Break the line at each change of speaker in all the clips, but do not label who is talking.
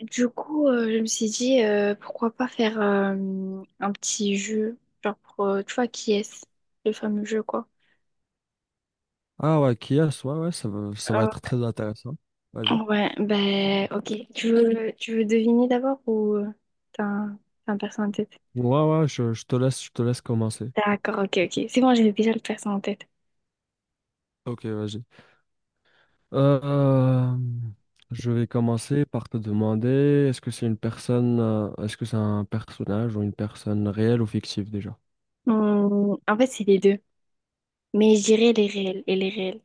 Du coup, je me suis dit, pourquoi pas faire un petit jeu, genre pour, tu vois, qui est-ce, le fameux jeu, quoi.
Ah ouais, Kias, ouais, ouais, ça va
Euh,
être très intéressant. Vas-y.
ouais, ben, ok. Tu veux deviner d'abord ou t'as un, t'as un perso en tête?
Ouais, ouais, je te laisse, je te laisse commencer.
D'accord, ok, ok. C'est bon, j'avais déjà le perso en tête.
Ok, vas-y. Euh, je vais commencer par te demander, est-ce que c'est une personne, est-ce que c'est un personnage ou une personne réelle ou fictive déjà?
Hmm, en fait, c'est les deux. Mais je dirais les réels et les réels.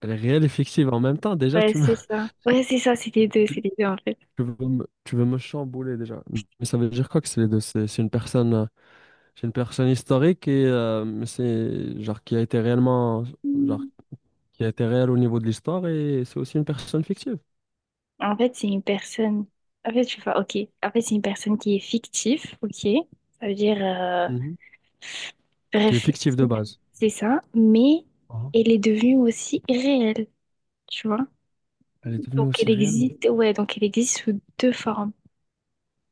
Elle est réelle et fictive en même temps, déjà,
Ouais,
tu me,
c'est ça. Ouais, c'est ça, c'est
tu,
les deux, en fait.
tu veux me chambouler déjà. Mais ça veut dire quoi que c'est les deux? C'est une personne, c'est une personne historique et mais c'est genre qui a été réellement, genre qui était réelle au niveau de l'histoire et c'est aussi une personne fictive.
En fait, c'est une personne. En fait, je vois, ok. En fait, c'est une personne qui est fictive, ok. Ça veut dire,
Mhm. Qui est fictive de
fictive,
base.
c'est ça. Mais
Ah.
elle est devenue aussi réelle, tu vois.
Elle est devenue
Donc, elle
aussi réelle.
existe, ouais, donc elle existe sous deux formes.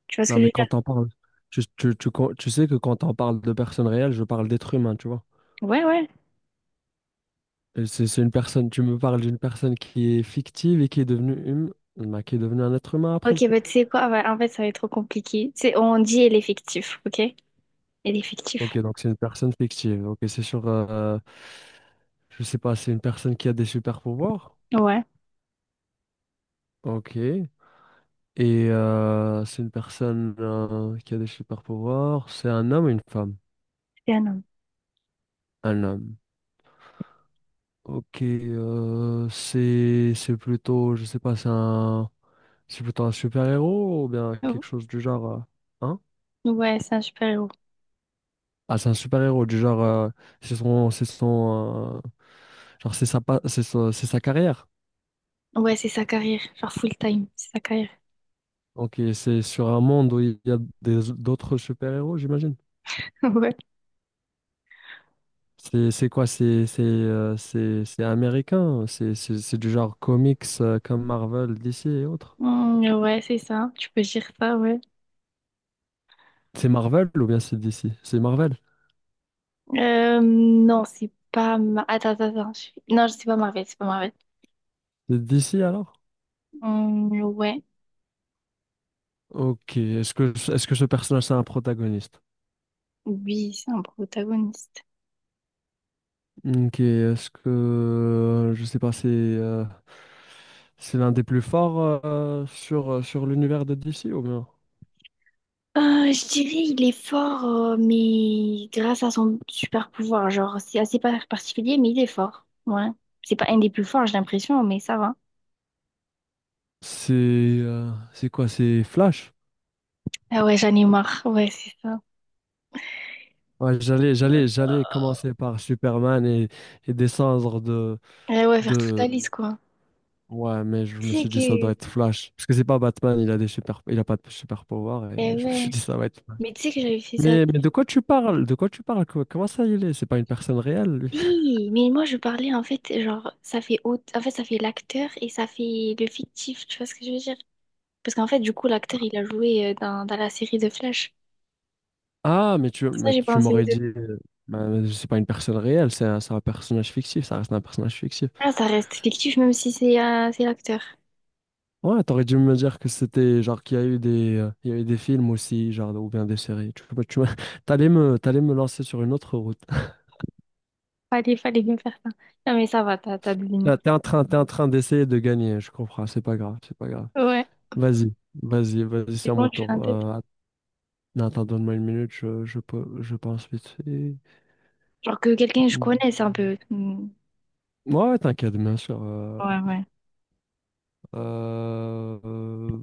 Tu vois ce
Non,
que je
mais
veux dire?
quand on parle, tu sais que quand on parle de personnes réelles, je parle d'êtres humains, tu vois.
Ouais, ouais.
Et c'est une personne, tu me parles d'une personne qui est fictive et qui est devenue bah, qui est devenue un être humain après.
Ok, bah, tu sais quoi? Ah ouais, en fait, ça va être trop compliqué. Tu sais, on dit elle est fictive, ok? Elle est fictive.
Ok, donc c'est une personne fictive. Ok, c'est sur, je sais pas, c'est une personne qui a des super pouvoirs.
Ouais,
Ok. Et c'est une personne qui a des super pouvoirs. C'est un homme ou une femme?
c'est un homme.
Un homme. Ok, c'est je sais pas, c'est un c'est plutôt un super-héros ou bien quelque
Oh.
chose du genre, hein?
Ouais, c'est un super-héros.
Ah, c'est un super-héros du genre, c'est son genre c'est sa c'est sa carrière.
Ouais, c'est sa carrière, genre full-time, c'est sa carrière.
Ok, c'est sur un monde où il y a des d'autres super-héros, j'imagine.
Ouais.
C'est quoi? C'est américain. C'est du genre comics comme Marvel, DC et autres.
Hmm, ouais, c'est ça. Tu peux dire ça, ouais.
C'est Marvel ou bien c'est DC? C'est Marvel.
Non, c'est pas... Ma... attends. Non, c'est pas Marvel.
C'est DC alors?
Hmm, ouais,
Ok, est-ce que ce personnage c'est un protagoniste?
oui, c'est un protagoniste.
Ok, est-ce que, je sais pas, c'est l'un des plus forts sur l'univers de DC ou bien?
Je dirais il est fort, mais grâce à son super pouvoir. Genre, c'est assez pas particulier, mais il est fort. Ouais. C'est pas un des plus forts, j'ai l'impression, mais ça va.
C'est quoi? C'est Flash?
Ah ouais, j'en ai marre. Ouais, c'est ça.
Ouais, j'allais commencer par Superman et descendre
Eh ouais, faire toute la
de...
liste, quoi.
Ouais, mais je
Tu
me
sais
suis dit ça doit
que...
être Flash. Parce que c'est pas Batman, il a pas de super pouvoir et
Eh
je me suis
ouais.
dit ça va être Flash.
Mais tu sais que j'avais fait ça.
Mais de quoi tu parles? De quoi tu parles? Comment ça il est? C'est pas une personne réelle, lui.
Oui, mais moi je parlais en fait, genre, en fait, ça fait l'acteur et ça fait le fictif, tu vois ce que je veux dire? Parce qu'en fait, du coup, l'acteur il a joué dans la série de Flash.
Ah,
Pour ça,
mais
j'ai
tu
pensé aux
m'aurais
deux.
dit, bah, c'est pas une personne réelle, c'est un personnage fictif, ça reste un personnage fictif.
Ah, ça reste fictif même si c'est l'acteur.
Ouais, t'aurais dû me dire que c'était, genre, qu'il y a eu des, il y a eu des films aussi, genre, ou bien des séries. Tu, t'allais me lancer sur une autre route.
Fallait bien faire ça. Non, mais ça va, t'as deviné.
Là, t'es en train d'essayer de gagner, je comprends, c'est pas grave, c'est pas grave.
Ouais.
Vas-y, vas-y, c'est à
C'est bon,
mon
tu fais un
tour.
tête.
Att- non, attends, donne-moi une minute, je pense vite fait.
Genre que quelqu'un que je connais, c'est un peu. Hmm.
Ouais, t'inquiète, bien sûr.
Ouais, ouais.
Euh, euh,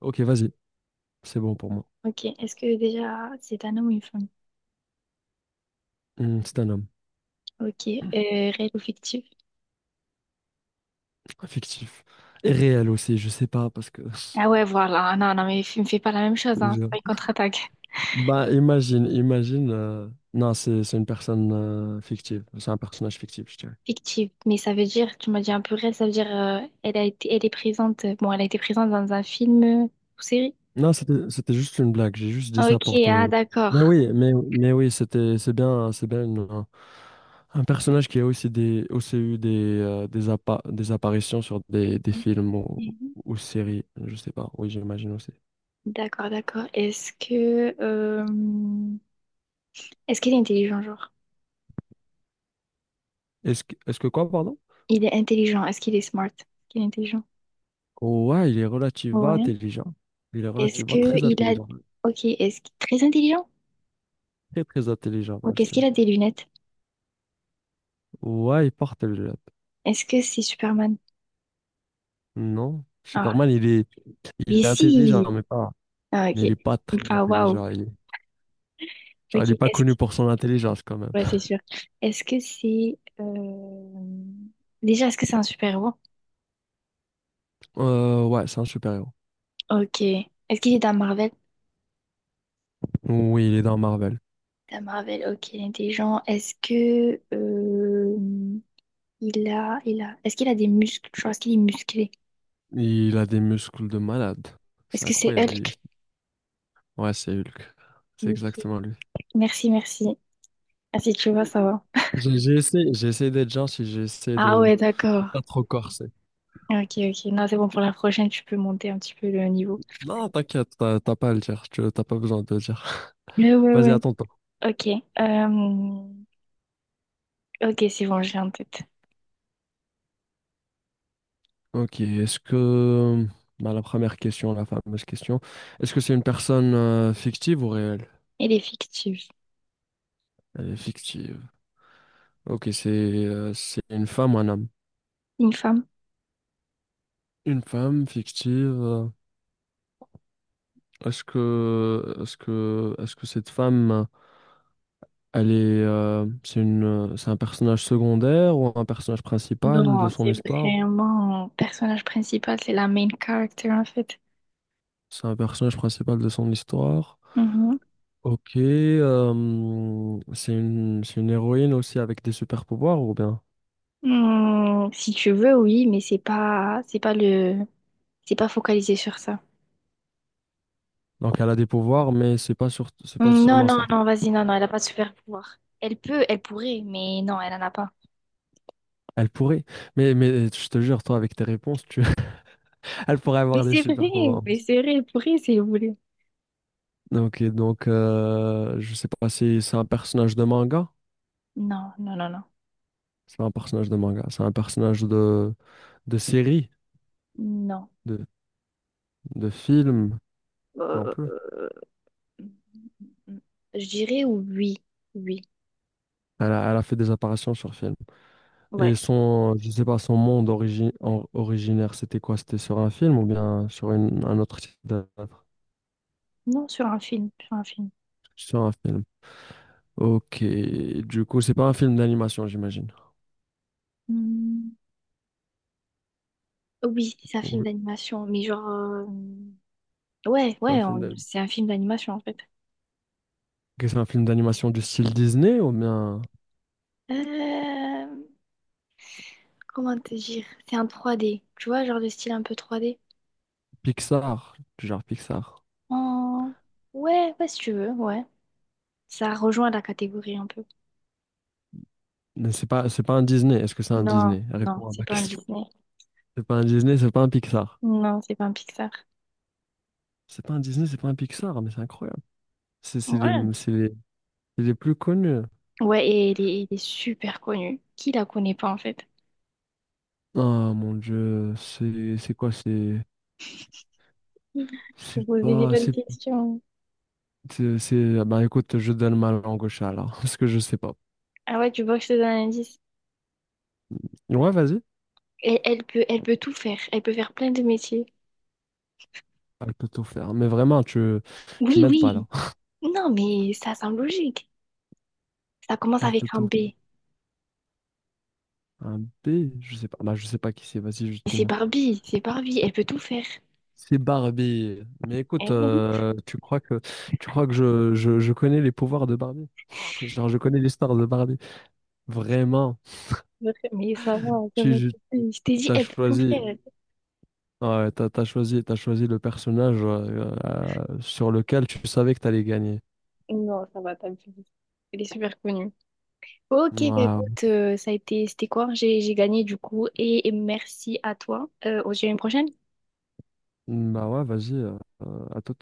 ok, vas-y. C'est bon pour moi.
Ok, est-ce que déjà c'est un homme ou une femme?
Hmm, c'est un homme.
Ok, réel ou fictif?
Fictif. Et réel aussi, je sais pas, parce que...
Ah ouais, voilà. Non, non, mais me fais pas la même chose, hein. C'est
Je-
pas une contre-attaque.
Bah, imagine... Non, c'est une personne fictive. C'est un personnage fictif, je dirais.
Fictive, mais ça veut dire, tu m'as dit un peu réel, ça veut dire elle a été, elle est présente, bon, elle a été présente dans un film ou série.
Non, c'était juste une blague. J'ai juste dit
Ah,
ça
ok,
pour
ah
te...
d'accord.
mais oui, c'était, c'est bien un personnage qui a aussi, aussi eu des, des apparitions sur des films
Mhm.
ou séries, je sais pas. Oui, j'imagine aussi.
D'accord, d'accord. Est-ce que, est-ce qu'il est intelligent, genre?
Est-ce que quoi, pardon?
Il est intelligent. Est-ce qu'il est smart? Est-ce qu'il est intelligent?
Ouais, il est relativement
Ouais.
intelligent. Il est
Est-ce
relativement
que
très
il a,
intelligent.
ok, est-ce qu'il est très intelligent?
Très, très intelligent, même,
Ok,
je
est-ce
dirais.
qu'il a des lunettes?
Ouais, il porte le jet.
Est-ce que c'est Superman?
Non,
Ah,
Superman, il
mais
est intelligent,
si.
mais pas,
Ah,
mais
ok.
il est pas très
Enfin, waouh.
intelligent. Il est, genre, il
Ok.
est pas connu
Est-ce...
pour son intelligence, quand même.
ouais, c'est sûr. Est-ce que c'est... euh, Déjà, est-ce que c'est un super-héros?
Ouais, c'est un super-héros.
Ok. Est-ce qu'il est dans Marvel?
Oui, il est dans Marvel.
Dans Marvel, ok, il est intelligent. Est-ce qu'il a des muscles? Genre, est-ce qu'il est musclé?
Il a des muscles de malade. C'est
Est-ce que c'est
incroyable.
Hulk?
Ouais, c'est Hulk. C'est
Ok.
exactement lui.
Merci, merci. Ah, si tu vois, ça va.
J'ai essayé, j'ai essayé d'être gentil, j'ai essayé
Ah ouais,
de
d'accord.
pas trop corser.
Ok, ok. Non, c'est bon, pour la prochaine, tu peux monter un petit peu le niveau.
Non, t'inquiète, t'as pas à le dire, t'as pas besoin de le dire.
Ouais, ouais,
Vas-y,
ouais.
attends-toi.
Ok. euh, Ok, c'est bon, j'ai en tête.
Ok, est-ce que... Bah, la première question, la fameuse question. Est-ce que c'est une personne fictive ou réelle?
Elle est fictive.
Elle est fictive. Ok, c'est une femme ou un homme?
Une femme?
Une femme fictive. Est-ce que cette femme, elle est c'est un personnage secondaire ou un personnage principal de
Non,
son
c'est
histoire?
vraiment personnage principal, c'est la main character en fait.
C'est un personnage principal de son histoire.
Mhm.
Ok, c'est une héroïne aussi avec des super pouvoirs ou bien?
Hmm, si tu veux, oui, mais c'est pas le, c'est pas focalisé sur ça.
Donc elle a des pouvoirs, mais c'est pas
Hmm, non,
seulement
non,
ça.
non, vas-y, non, non, elle a pas de super pouvoir. Elle pourrait, mais non, elle en a pas.
Elle pourrait, mais je te jure, toi avec tes réponses, tu, elle pourrait
Mais
avoir des
c'est vrai,
super pouvoirs.
mais c'est vrai, elle pourrait si elle voulait.
Ok, donc je sais pas si c'est un personnage de manga.
Non, non, non, non,
C'est pas un personnage de manga, c'est un personnage de série,
non.
de de film non plus.
Euh, je dirais oui, oui,
Elle a fait des apparitions sur film. Et
ouais.
son, je sais pas, son monde origi- or- originaire, c'était quoi? C'était sur un film ou bien sur un autre type d'œuvre.
Non, sur un film, sur un film.
Sur un film. Ok, du coup, c'est pas un film d'animation, j'imagine.
Mm. Oui, c'est un film
Oui.
d'animation, mais ouais,
C'est un film d'a-
c'est un film d'animation en fait.
c'est un film d'animation du style Disney ou bien
Euh, Comment te dire? C'est un trois d tu vois, genre de style un peu trois d.
Pixar, du genre Pixar.
En- Ouais, ouais, si tu veux, ouais. Ça rejoint la catégorie un peu.
Mais c'est pas un Disney. Est-ce que c'est un
Non,
Disney?
non,
Réponds à
c'est
ma
pas un
question.
Disney.
C'est pas un Disney, c'est pas un Pixar.
Non, c'est pas un Pixar.
C'est pas un Disney, c'est pas un Pixar, mais c'est incroyable. C'est c'est les,
Ouais.
c'est les, c'est les plus connus.
Ouais, et il est super connu. Qui la connaît pas en fait?
Ah mon Dieu, c'est quoi?
Vous
C'est
posez des
pas.
bonnes
C'est.
questions.
C'est- Bah écoute, je donne ma langue au chat là, parce que je sais pas.
Ah ouais, tu vois que je te donne un indice.
Ouais, vas-y.
Et elle peut tout faire. Elle peut faire plein de métiers.
Elle peut tout faire. Mais vraiment, tu
Oui,
m'aides pas
oui.
là.
Non, mais ça semble logique. Ça commence
Elle
avec
peut
un
tout.
B.
Faire.
Et
Un B, je sais pas. Bah je sais pas qui c'est. Vas-y, juste
c'est
dis-moi.
Barbie, elle peut tout faire.
C'est Barbie. Mais écoute,
Eh oui,
tu crois que je connais les pouvoirs de Barbie? Genre, je connais l'histoire de Barbie. Vraiment.
mais ça
Tu
va
tu-
taper. Je t'ai dit,
t'as
elle peut tout
choisi.
faire.
Ouais, t'as choisi le personnage sur lequel tu savais que t'allais gagner.
Non, ça va taper. Elle est super connue. Ok, bah
Ouais,
écoute, ça a été, c'était quoi? J'ai gagné du coup et merci à toi. On se dit à une prochaine.
Bah ouais, vas-y, à tout.